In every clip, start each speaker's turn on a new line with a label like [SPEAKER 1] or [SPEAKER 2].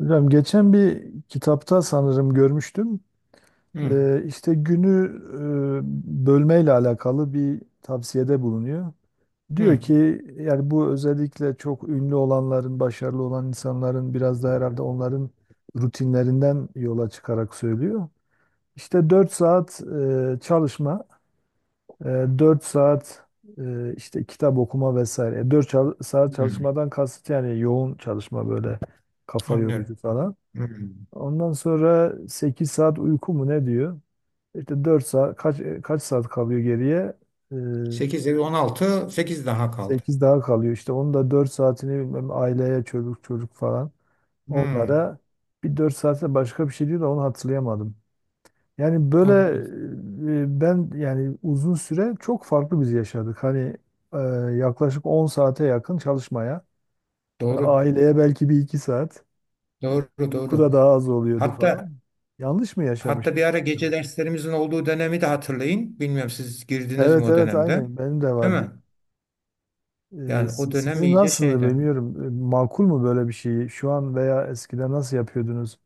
[SPEAKER 1] Hocam geçen bir kitapta sanırım görmüştüm.
[SPEAKER 2] Hı,
[SPEAKER 1] İşte günü bölmeyle alakalı bir tavsiyede bulunuyor. Diyor
[SPEAKER 2] hı,
[SPEAKER 1] ki yani bu özellikle çok ünlü olanların, başarılı olan insanların biraz da herhalde onların rutinlerinden yola çıkarak söylüyor. İşte 4 saat çalışma, e, 4 saat işte kitap okuma vesaire. 4 saat
[SPEAKER 2] hı.
[SPEAKER 1] çalışmadan kasıt yani yoğun çalışma, böyle kafa yorucu
[SPEAKER 2] Anlıyorum.
[SPEAKER 1] falan.
[SPEAKER 2] Hı.
[SPEAKER 1] Ondan sonra 8 saat uyku mu ne diyor? İşte 4 saat, kaç saat kalıyor geriye? Ee,
[SPEAKER 2] 8 16 8 daha kaldı.
[SPEAKER 1] 8 daha kalıyor işte. Onun da 4 saatini bilmem aileye, çocuk çocuk falan
[SPEAKER 2] Hı,
[SPEAKER 1] onlara, bir 4 saatte başka bir şey diyor da onu hatırlayamadım. Yani böyle,
[SPEAKER 2] anladım.
[SPEAKER 1] ben yani uzun süre çok farklı biz yaşadık. Hani e, yaklaşık 10 saate yakın çalışmaya,
[SPEAKER 2] Doğru,
[SPEAKER 1] aileye belki bir 2 saat, e,
[SPEAKER 2] doğru,
[SPEAKER 1] uyku
[SPEAKER 2] doğru.
[SPEAKER 1] da daha az oluyordu falan.
[SPEAKER 2] Hatta
[SPEAKER 1] Yanlış mı
[SPEAKER 2] hatta
[SPEAKER 1] yaşamıştım?
[SPEAKER 2] bir ara
[SPEAKER 1] Acaba?
[SPEAKER 2] gece derslerimizin olduğu dönemi de hatırlayın. Bilmiyorum siz girdiniz mi
[SPEAKER 1] Evet
[SPEAKER 2] o
[SPEAKER 1] evet,
[SPEAKER 2] dönemde?
[SPEAKER 1] aynı benim de
[SPEAKER 2] Değil
[SPEAKER 1] vardı.
[SPEAKER 2] mi? Yani o dönem
[SPEAKER 1] Sizin
[SPEAKER 2] iyice
[SPEAKER 1] nasıldı
[SPEAKER 2] şeyde.
[SPEAKER 1] bilmiyorum. Makul mu böyle bir şeyi? Şu an veya eskiden nasıl yapıyordunuz?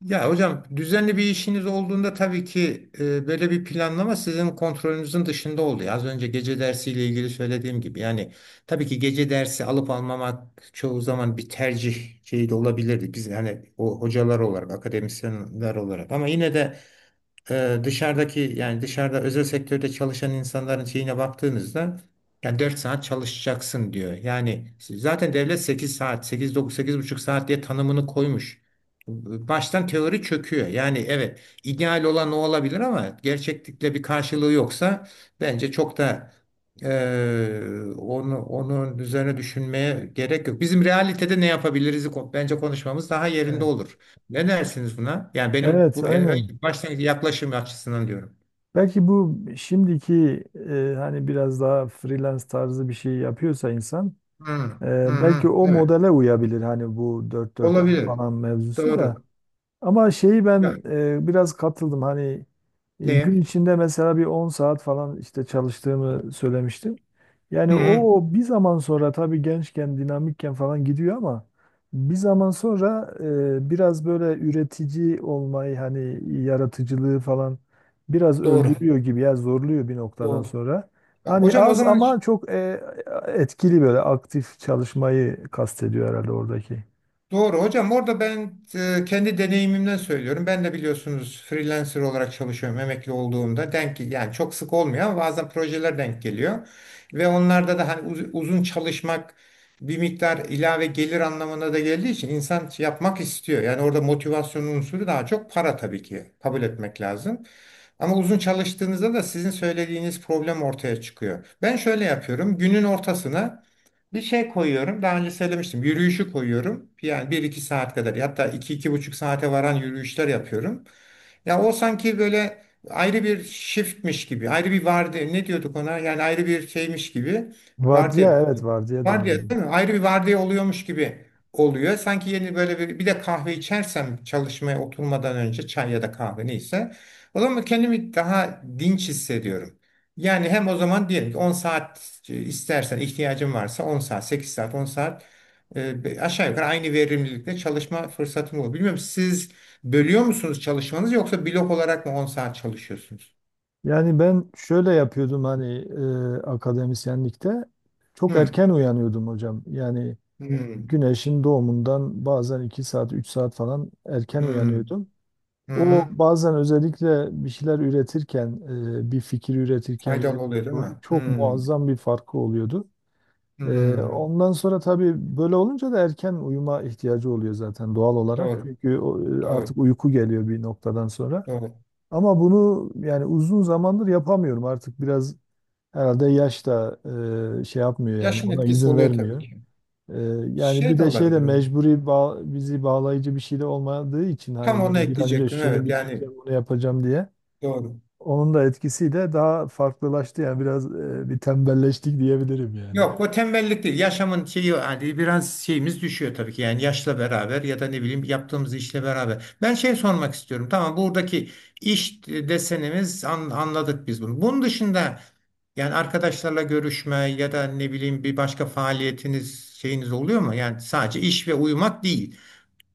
[SPEAKER 2] Ya hocam düzenli bir işiniz olduğunda tabii ki böyle bir planlama sizin kontrolünüzün dışında oluyor. Az önce gece dersiyle ilgili söylediğim gibi yani tabii ki gece dersi alıp almamak çoğu zaman bir tercih şeyi de olabilirdi. Biz hani o hocalar olarak, akademisyenler olarak ama yine de dışarıdaki yani dışarıda özel sektörde çalışan insanların şeyine baktığınızda yani 4 saat çalışacaksın diyor. Yani zaten devlet 8 saat, sekiz dokuz sekiz buçuk saat diye tanımını koymuş. Baştan teori çöküyor. Yani evet ideal olan o olabilir ama gerçeklikle bir karşılığı yoksa bence çok da e, onu onun üzerine düşünmeye gerek yok. Bizim realitede ne yapabiliriz bence konuşmamız daha yerinde
[SPEAKER 1] Evet.
[SPEAKER 2] olur. Ne dersiniz buna? Yani benim
[SPEAKER 1] Evet,
[SPEAKER 2] bu
[SPEAKER 1] aynen.
[SPEAKER 2] başlangıç yaklaşım açısından diyorum.
[SPEAKER 1] Belki bu şimdiki, hani biraz daha freelance tarzı bir şey yapıyorsa insan,
[SPEAKER 2] Hı hı
[SPEAKER 1] Belki
[SPEAKER 2] hı.
[SPEAKER 1] o
[SPEAKER 2] Evet.
[SPEAKER 1] modele uyabilir, hani bu dört ay
[SPEAKER 2] Olabilir.
[SPEAKER 1] falan mevzusu da.
[SPEAKER 2] Doğru.
[SPEAKER 1] Ama şeyi
[SPEAKER 2] Ya,
[SPEAKER 1] ben biraz katıldım, hani gün
[SPEAKER 2] neye?
[SPEAKER 1] içinde mesela bir 10 saat falan işte çalıştığımı söylemiştim. Yani
[SPEAKER 2] Hı hı.
[SPEAKER 1] o, bir zaman sonra tabii gençken, dinamikken falan gidiyor ama bir zaman sonra biraz böyle üretici olmayı, hani yaratıcılığı falan biraz
[SPEAKER 2] Doğru.
[SPEAKER 1] öldürüyor gibi, ya zorluyor bir noktadan
[SPEAKER 2] Doğru.
[SPEAKER 1] sonra.
[SPEAKER 2] Ya,
[SPEAKER 1] Hani
[SPEAKER 2] hocam o
[SPEAKER 1] az
[SPEAKER 2] zaman.
[SPEAKER 1] ama çok etkili, böyle aktif çalışmayı kastediyor herhalde oradaki.
[SPEAKER 2] Doğru hocam orada ben kendi deneyimimden söylüyorum. Ben de biliyorsunuz freelancer olarak çalışıyorum emekli olduğumda. Denk yani çok sık olmuyor ama bazen projeler denk geliyor. Ve onlarda da hani uzun çalışmak bir miktar ilave gelir anlamına da geldiği için insan yapmak istiyor. Yani orada motivasyon unsuru daha çok para tabii ki kabul etmek lazım. Ama uzun çalıştığınızda da sizin söylediğiniz problem ortaya çıkıyor. Ben şöyle yapıyorum. Günün ortasına bir şey koyuyorum. Daha önce söylemiştim. Yürüyüşü koyuyorum. Yani bir iki saat kadar. Hatta iki iki buçuk saate varan yürüyüşler yapıyorum. Ya o sanki böyle ayrı bir shiftmiş gibi. Ayrı bir vardı. Ne diyorduk ona? Yani ayrı bir şeymiş gibi. Vardiya.
[SPEAKER 1] Vardiya, evet, vardiya
[SPEAKER 2] Vardiya
[SPEAKER 1] deniyordu.
[SPEAKER 2] değil mi? Ayrı bir vardiya oluyormuş gibi oluyor. Sanki yeni böyle bir de kahve içersem çalışmaya oturmadan önce çay ya da kahve neyse. O zaman kendimi daha dinç hissediyorum. Yani hem o zaman diyelim ki 10 saat istersen ihtiyacın varsa 10 saat, 8 saat, 10 saat aşağı yukarı aynı verimlilikte çalışma fırsatın olur. Bilmiyorum siz bölüyor musunuz çalışmanızı yoksa blok olarak mı 10 saat çalışıyorsunuz?
[SPEAKER 1] Yani ben şöyle yapıyordum, hani akademisyenlikte çok
[SPEAKER 2] Hmm.
[SPEAKER 1] erken uyanıyordum hocam. Yani
[SPEAKER 2] Hmm.
[SPEAKER 1] güneşin doğumundan bazen 2 saat, 3 saat falan erken
[SPEAKER 2] Hmm.
[SPEAKER 1] uyanıyordum.
[SPEAKER 2] Hmm.
[SPEAKER 1] O,
[SPEAKER 2] Hmm.
[SPEAKER 1] bazen özellikle bir şeyler üretirken, bir fikir üretirken
[SPEAKER 2] Faydalı oluyor değil mi?
[SPEAKER 1] çok
[SPEAKER 2] Hmm.
[SPEAKER 1] muazzam bir farkı oluyordu. E,
[SPEAKER 2] Hmm.
[SPEAKER 1] Ondan sonra tabii böyle olunca da erken uyuma ihtiyacı oluyor zaten, doğal olarak.
[SPEAKER 2] Doğru.
[SPEAKER 1] Çünkü o,
[SPEAKER 2] Doğru.
[SPEAKER 1] artık uyku geliyor bir noktadan sonra.
[SPEAKER 2] Doğru.
[SPEAKER 1] Ama bunu yani uzun zamandır yapamıyorum. Artık biraz, herhalde yaş da şey yapmıyor, yani
[SPEAKER 2] Yaşın
[SPEAKER 1] ona
[SPEAKER 2] etkisi
[SPEAKER 1] izin
[SPEAKER 2] oluyor tabii
[SPEAKER 1] vermiyor.
[SPEAKER 2] ki.
[SPEAKER 1] E, Yani
[SPEAKER 2] Şey
[SPEAKER 1] bir
[SPEAKER 2] de
[SPEAKER 1] de şey de,
[SPEAKER 2] olabilir.
[SPEAKER 1] mecburi bizi bağlayıcı bir şey de olmadığı için,
[SPEAKER 2] Tam
[SPEAKER 1] hani
[SPEAKER 2] onu
[SPEAKER 1] böyle bir an önce
[SPEAKER 2] ekleyecektim.
[SPEAKER 1] şunu
[SPEAKER 2] Evet yani
[SPEAKER 1] bitireceğim, onu yapacağım diye.
[SPEAKER 2] doğru.
[SPEAKER 1] Onun da etkisiyle daha farklılaştı, yani biraz bir tembelleştik diyebilirim yani.
[SPEAKER 2] Yok o tembellik değil. Yaşamın şeyi hani biraz şeyimiz düşüyor tabii ki. Yani yaşla beraber ya da ne bileyim yaptığımız işle beraber. Ben şey sormak istiyorum. Tamam buradaki iş desenimiz anladık biz bunu. Bunun dışında yani arkadaşlarla görüşme ya da ne bileyim bir başka faaliyetiniz şeyiniz oluyor mu? Yani sadece iş ve uyumak değil.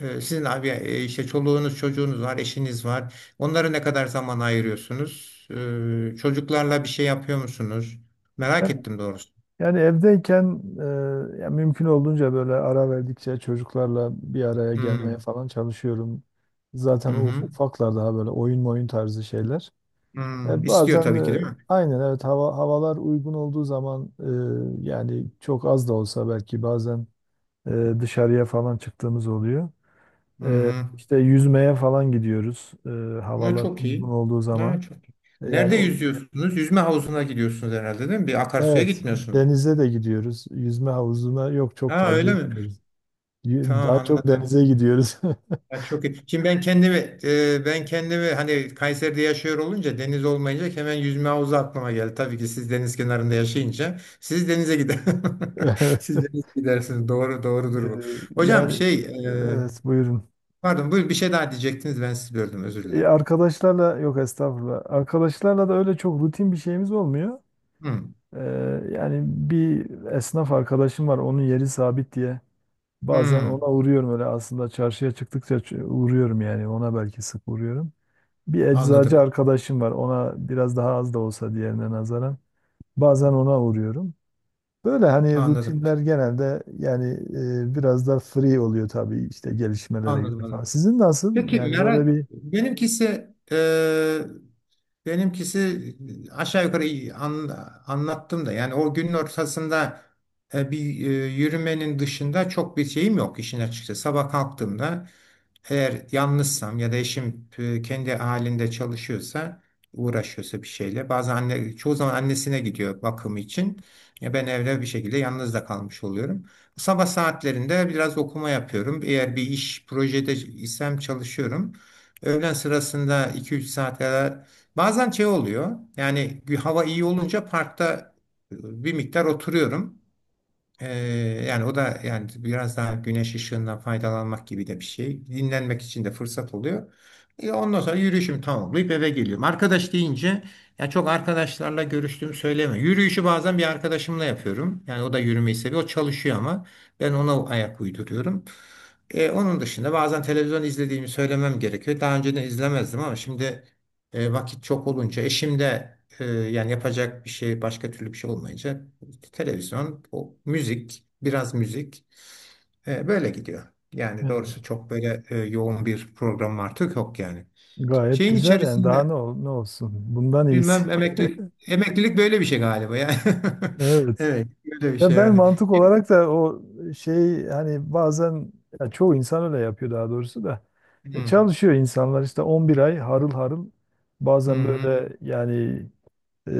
[SPEAKER 2] Sizin abi işte çoluğunuz, çocuğunuz var, eşiniz var. Onlara ne kadar zaman ayırıyorsunuz? Çocuklarla bir şey yapıyor musunuz? Merak ettim doğrusu.
[SPEAKER 1] Yani evdeyken ya mümkün olduğunca böyle ara verdikçe çocuklarla bir araya gelmeye
[SPEAKER 2] Hmm.
[SPEAKER 1] falan çalışıyorum.
[SPEAKER 2] Hı
[SPEAKER 1] Zaten
[SPEAKER 2] hı.
[SPEAKER 1] ufaklar daha böyle oyun oyun tarzı şeyler.
[SPEAKER 2] İstiyor
[SPEAKER 1] Bazen
[SPEAKER 2] tabii ki değil mi?
[SPEAKER 1] aynen, evet, havalar uygun olduğu zaman, yani çok az da olsa, belki bazen dışarıya falan çıktığımız oluyor.
[SPEAKER 2] Hı hı.
[SPEAKER 1] İşte yüzmeye falan gidiyoruz
[SPEAKER 2] Ne
[SPEAKER 1] havalar
[SPEAKER 2] çok
[SPEAKER 1] uygun
[SPEAKER 2] iyi.
[SPEAKER 1] olduğu zaman.
[SPEAKER 2] Ne çok iyi.
[SPEAKER 1] Yani
[SPEAKER 2] Nerede
[SPEAKER 1] o,
[SPEAKER 2] yüzüyorsunuz? Yüzme havuzuna gidiyorsunuz herhalde değil mi? Bir akarsuya
[SPEAKER 1] evet,
[SPEAKER 2] gitmiyorsunuz.
[SPEAKER 1] denize de gidiyoruz. Yüzme havuzuna, yok, çok
[SPEAKER 2] Ha
[SPEAKER 1] tercih
[SPEAKER 2] öyle mi?
[SPEAKER 1] etmiyoruz.
[SPEAKER 2] Tamam
[SPEAKER 1] Daha çok
[SPEAKER 2] anladım.
[SPEAKER 1] denize gidiyoruz.
[SPEAKER 2] Ha, çok iyi. Şimdi ben kendimi ben kendimi hani Kayseri'de yaşıyor olunca deniz olmayınca hemen yüzme havuzu aklıma geldi. Tabii ki siz deniz kenarında yaşayınca siz denize gider. Siz
[SPEAKER 1] Evet.
[SPEAKER 2] denize gidersiniz. Doğru
[SPEAKER 1] Ee,
[SPEAKER 2] doğrudur bu. Hocam
[SPEAKER 1] Yani,
[SPEAKER 2] şey e,
[SPEAKER 1] evet, buyurun.
[SPEAKER 2] pardon buyur bir şey daha diyecektiniz ben sizi böldüm özür dilerim.
[SPEAKER 1] Arkadaşlarla, yok, estağfurullah. Arkadaşlarla da öyle çok rutin bir şeyimiz olmuyor.
[SPEAKER 2] Hı.
[SPEAKER 1] Ee, Yani, bir esnaf arkadaşım var, onun yeri sabit diye. Bazen
[SPEAKER 2] Hı.
[SPEAKER 1] ona uğruyorum, öyle aslında çarşıya çıktıkça uğruyorum, yani ona belki sık uğruyorum. Bir eczacı
[SPEAKER 2] Anladım,
[SPEAKER 1] arkadaşım var. Ona biraz daha az da olsa, diğerine nazaran. Bazen ona uğruyorum. Böyle hani
[SPEAKER 2] anladım,
[SPEAKER 1] rutinler genelde yani biraz da free oluyor tabii, işte gelişmelere
[SPEAKER 2] anladım,
[SPEAKER 1] göre falan.
[SPEAKER 2] anladım.
[SPEAKER 1] Sizin nasıl?
[SPEAKER 2] Peki
[SPEAKER 1] Yani böyle
[SPEAKER 2] merak,
[SPEAKER 1] bir,
[SPEAKER 2] benimkisi benimkisi aşağı yukarı iyi anlattım da yani o günün ortasında bir yürümenin dışında çok bir şeyim yok işin açıkçası. Sabah kalktığımda eğer yalnızsam ya da eşim kendi halinde çalışıyorsa uğraşıyorsa bir şeyle bazen anne çoğu zaman annesine gidiyor bakım için. Ya ben evde bir şekilde yalnız da kalmış oluyorum. Sabah saatlerinde biraz okuma yapıyorum. Eğer bir iş projede isem çalışıyorum. Öğlen sırasında 2-3 saat kadar bazen şey oluyor. Yani hava iyi olunca parkta bir miktar oturuyorum. Ee, yani o da yani biraz daha güneş ışığından faydalanmak gibi de bir şey. Dinlenmek için de fırsat oluyor. Ondan sonra yürüyüşümü tamamlayıp eve geliyorum. Arkadaş deyince ya çok arkadaşlarla görüştüğümü söyleme. Yürüyüşü bazen bir arkadaşımla yapıyorum. Yani o da yürümeyi seviyor. O çalışıyor ama ben ona ayak uyduruyorum. Onun dışında bazen televizyon izlediğimi söylemem gerekiyor. Daha önceden izlemezdim ama şimdi vakit çok olunca eşim de yani yapacak bir şey başka türlü bir şey olmayınca televizyon, o müzik, biraz müzik böyle gidiyor. Yani doğrusu
[SPEAKER 1] e,
[SPEAKER 2] çok böyle yoğun bir program artık yok yani.
[SPEAKER 1] gayet
[SPEAKER 2] Şeyin
[SPEAKER 1] güzel yani, daha
[SPEAKER 2] içerisinde
[SPEAKER 1] ne olsun? Bundan iyisi.
[SPEAKER 2] bilmem emeklilik böyle bir şey galiba ya.
[SPEAKER 1] Evet.
[SPEAKER 2] Evet, böyle bir
[SPEAKER 1] Ya
[SPEAKER 2] şey
[SPEAKER 1] ben
[SPEAKER 2] yani.
[SPEAKER 1] mantık olarak da o şey, hani bazen, ya çoğu insan öyle yapıyor daha doğrusu da.
[SPEAKER 2] Hı,
[SPEAKER 1] Çalışıyor insanlar işte 11 ay harıl harıl,
[SPEAKER 2] hı,
[SPEAKER 1] bazen
[SPEAKER 2] hı.
[SPEAKER 1] böyle yani e,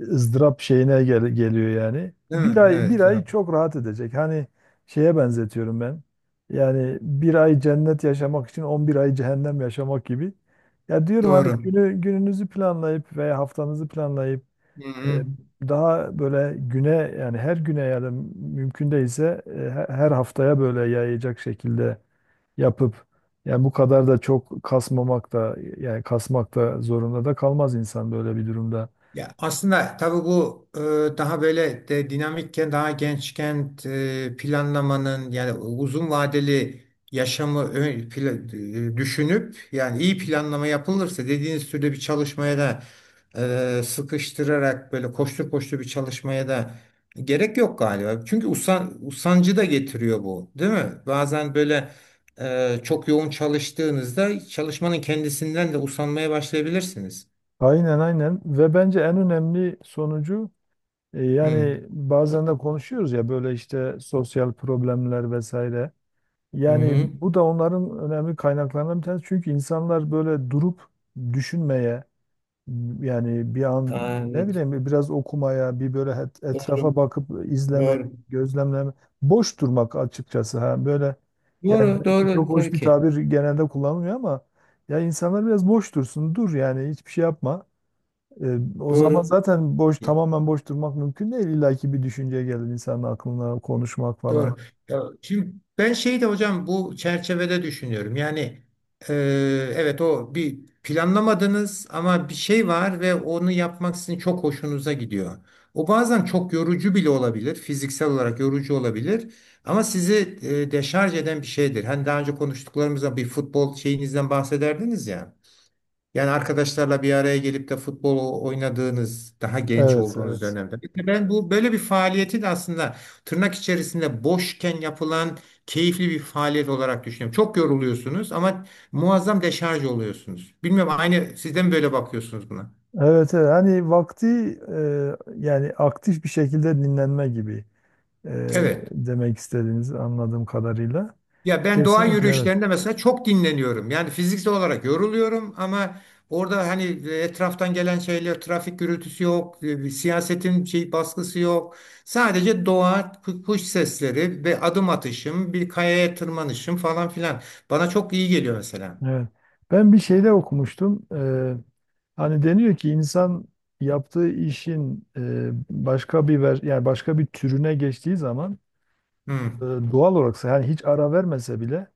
[SPEAKER 1] ızdırap şeyine geliyor yani.
[SPEAKER 2] Değil
[SPEAKER 1] Bir
[SPEAKER 2] mi?
[SPEAKER 1] ay, bir
[SPEAKER 2] Evet ya.
[SPEAKER 1] ay çok rahat edecek. Hani şeye benzetiyorum ben. Yani bir ay cennet yaşamak için 11 ay cehennem yaşamak gibi. Ya diyorum, hani
[SPEAKER 2] Doğru.
[SPEAKER 1] gününüzü planlayıp veya haftanızı planlayıp,
[SPEAKER 2] Hı
[SPEAKER 1] e,
[SPEAKER 2] hı.
[SPEAKER 1] daha böyle güne, yani her güne ya da mümkün değilse her haftaya böyle yayacak şekilde yapıp, yani bu kadar da çok kasmamak da, yani kasmak da zorunda da kalmaz insan böyle bir durumda.
[SPEAKER 2] Ya aslında tabii bu daha böyle de dinamikken daha gençken planlamanın yani uzun vadeli yaşamı düşünüp yani iyi planlama yapılırsa dediğiniz türde bir çalışmaya da sıkıştırarak böyle koştur koştur bir çalışmaya da gerek yok galiba. Çünkü usancı da getiriyor bu, değil mi? Bazen böyle çok yoğun çalıştığınızda çalışmanın kendisinden de usanmaya başlayabilirsiniz.
[SPEAKER 1] Aynen, aynen, ve bence en önemli sonucu
[SPEAKER 2] Hı.
[SPEAKER 1] yani bazen de konuşuyoruz ya, böyle işte sosyal problemler vesaire.
[SPEAKER 2] Hı
[SPEAKER 1] Yani
[SPEAKER 2] hı.
[SPEAKER 1] bu da onların önemli kaynaklarından bir tanesi. Çünkü insanlar böyle durup düşünmeye, yani bir an
[SPEAKER 2] Aa,
[SPEAKER 1] ne
[SPEAKER 2] evet.
[SPEAKER 1] bileyim biraz okumaya, bir böyle
[SPEAKER 2] Doğru.
[SPEAKER 1] etrafa bakıp izleme,
[SPEAKER 2] Doğru.
[SPEAKER 1] gözlemleme, boş durmak açıkçası, ha böyle, yani
[SPEAKER 2] Doğru,
[SPEAKER 1] belki çok
[SPEAKER 2] doğru tabii
[SPEAKER 1] hoş bir
[SPEAKER 2] ki.
[SPEAKER 1] tabir genelde kullanılmıyor ama, ya insanlar biraz boş dursun, dur yani, hiçbir şey yapma. O zaman
[SPEAKER 2] Doğru.
[SPEAKER 1] zaten boş,
[SPEAKER 2] Ya.
[SPEAKER 1] tamamen boş durmak mümkün değil. İlla ki bir düşünce gelir insanın aklına, konuşmak falan.
[SPEAKER 2] Doğru. Ya, şimdi ben şeyi de hocam bu çerçevede düşünüyorum. Yani e, evet o bir planlamadınız ama bir şey var ve onu yapmak sizin çok hoşunuza gidiyor. O bazen çok yorucu bile olabilir. Fiziksel olarak yorucu olabilir. Ama sizi deşarj eden bir şeydir. Hani daha önce konuştuklarımızda bir futbol şeyinizden bahsederdiniz ya. Yani arkadaşlarla bir araya gelip de futbol oynadığınız, daha genç
[SPEAKER 1] Evet,
[SPEAKER 2] olduğunuz
[SPEAKER 1] evet.
[SPEAKER 2] dönemde. İşte ben bu böyle bir faaliyetin aslında tırnak içerisinde boşken yapılan keyifli bir faaliyet olarak düşünüyorum. Çok yoruluyorsunuz ama muazzam deşarj oluyorsunuz. Bilmiyorum aynı siz de mi böyle bakıyorsunuz buna?
[SPEAKER 1] Evet, evet. Hani vakti, yani aktif bir şekilde dinlenme gibi e,
[SPEAKER 2] Evet.
[SPEAKER 1] demek istediğiniz, anladığım kadarıyla.
[SPEAKER 2] Ya ben doğa
[SPEAKER 1] Kesinlikle, evet.
[SPEAKER 2] yürüyüşlerinde mesela çok dinleniyorum. Yani fiziksel olarak yoruluyorum ama orada hani etraftan gelen şeyler, trafik gürültüsü yok, siyasetin şey baskısı yok. Sadece doğa, kuş sesleri ve adım atışım, bir kayaya tırmanışım falan filan. Bana çok iyi geliyor mesela.
[SPEAKER 1] Evet. Ben bir şeyde okumuştum. Hani deniyor ki insan, yaptığı işin başka bir yani başka bir türüne geçtiği zaman
[SPEAKER 2] Hı
[SPEAKER 1] doğal olarak, yani hiç ara vermese bile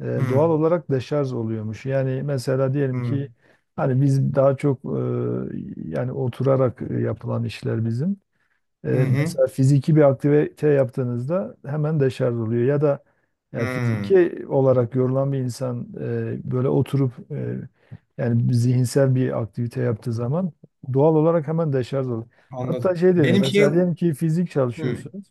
[SPEAKER 2] hı
[SPEAKER 1] doğal olarak deşarj oluyormuş. Yani mesela diyelim
[SPEAKER 2] hı
[SPEAKER 1] ki, hani biz daha çok yani oturarak yapılan işler bizim. E,
[SPEAKER 2] hı hı.
[SPEAKER 1] Mesela fiziki bir aktivite yaptığınızda hemen deşarj oluyor. Ya da yani,
[SPEAKER 2] Hı.
[SPEAKER 1] fiziki olarak yorulan bir insan böyle oturup yani zihinsel bir aktivite yaptığı zaman doğal olarak hemen deşarj oluyor. Hatta
[SPEAKER 2] Anladım.
[SPEAKER 1] şey deniyor,
[SPEAKER 2] Benim şey
[SPEAKER 1] mesela diyelim
[SPEAKER 2] hı
[SPEAKER 1] ki fizik çalışıyorsunuz.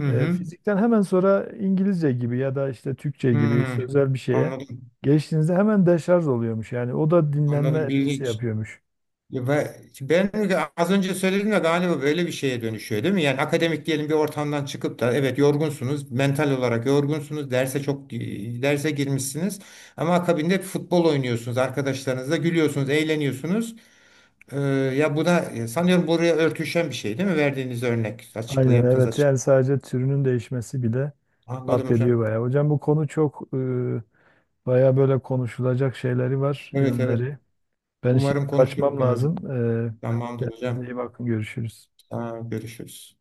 [SPEAKER 2] hı hı.
[SPEAKER 1] Fizikten hemen sonra İngilizce gibi ya da işte Türkçe gibi
[SPEAKER 2] Hı.
[SPEAKER 1] sözel bir şeye
[SPEAKER 2] Anladım.
[SPEAKER 1] geçtiğinizde hemen deşarj oluyormuş. Yani o da dinlenme
[SPEAKER 2] Anladım. Bilgi.
[SPEAKER 1] etkisi yapıyormuş.
[SPEAKER 2] Ya ben az önce söyledim de galiba böyle bir şeye dönüşüyor değil mi? Yani akademik diyelim bir ortamdan çıkıp da evet yorgunsunuz, mental olarak yorgunsunuz, derse girmişsiniz ama akabinde futbol oynuyorsunuz, arkadaşlarınızla gülüyorsunuz, eğleniyorsunuz. Ee, ya bu da sanıyorum buraya örtüşen bir şey değil mi? Verdiğiniz örnek, açıklığı
[SPEAKER 1] Aynen,
[SPEAKER 2] yaptığınız
[SPEAKER 1] evet,
[SPEAKER 2] açık.
[SPEAKER 1] yani sadece türünün değişmesi bile
[SPEAKER 2] Anladım
[SPEAKER 1] fark ediyor
[SPEAKER 2] hocam.
[SPEAKER 1] bayağı. Hocam, bu konu çok bayağı böyle konuşulacak şeyleri var,
[SPEAKER 2] Evet evet.
[SPEAKER 1] yönleri. Ben
[SPEAKER 2] Umarım
[SPEAKER 1] şimdi
[SPEAKER 2] konuşuruz
[SPEAKER 1] kaçmam
[SPEAKER 2] gene.
[SPEAKER 1] lazım. E,
[SPEAKER 2] Tamamdır
[SPEAKER 1] Kendinize
[SPEAKER 2] hocam.
[SPEAKER 1] iyi bakın, görüşürüz.
[SPEAKER 2] Tamam, görüşürüz.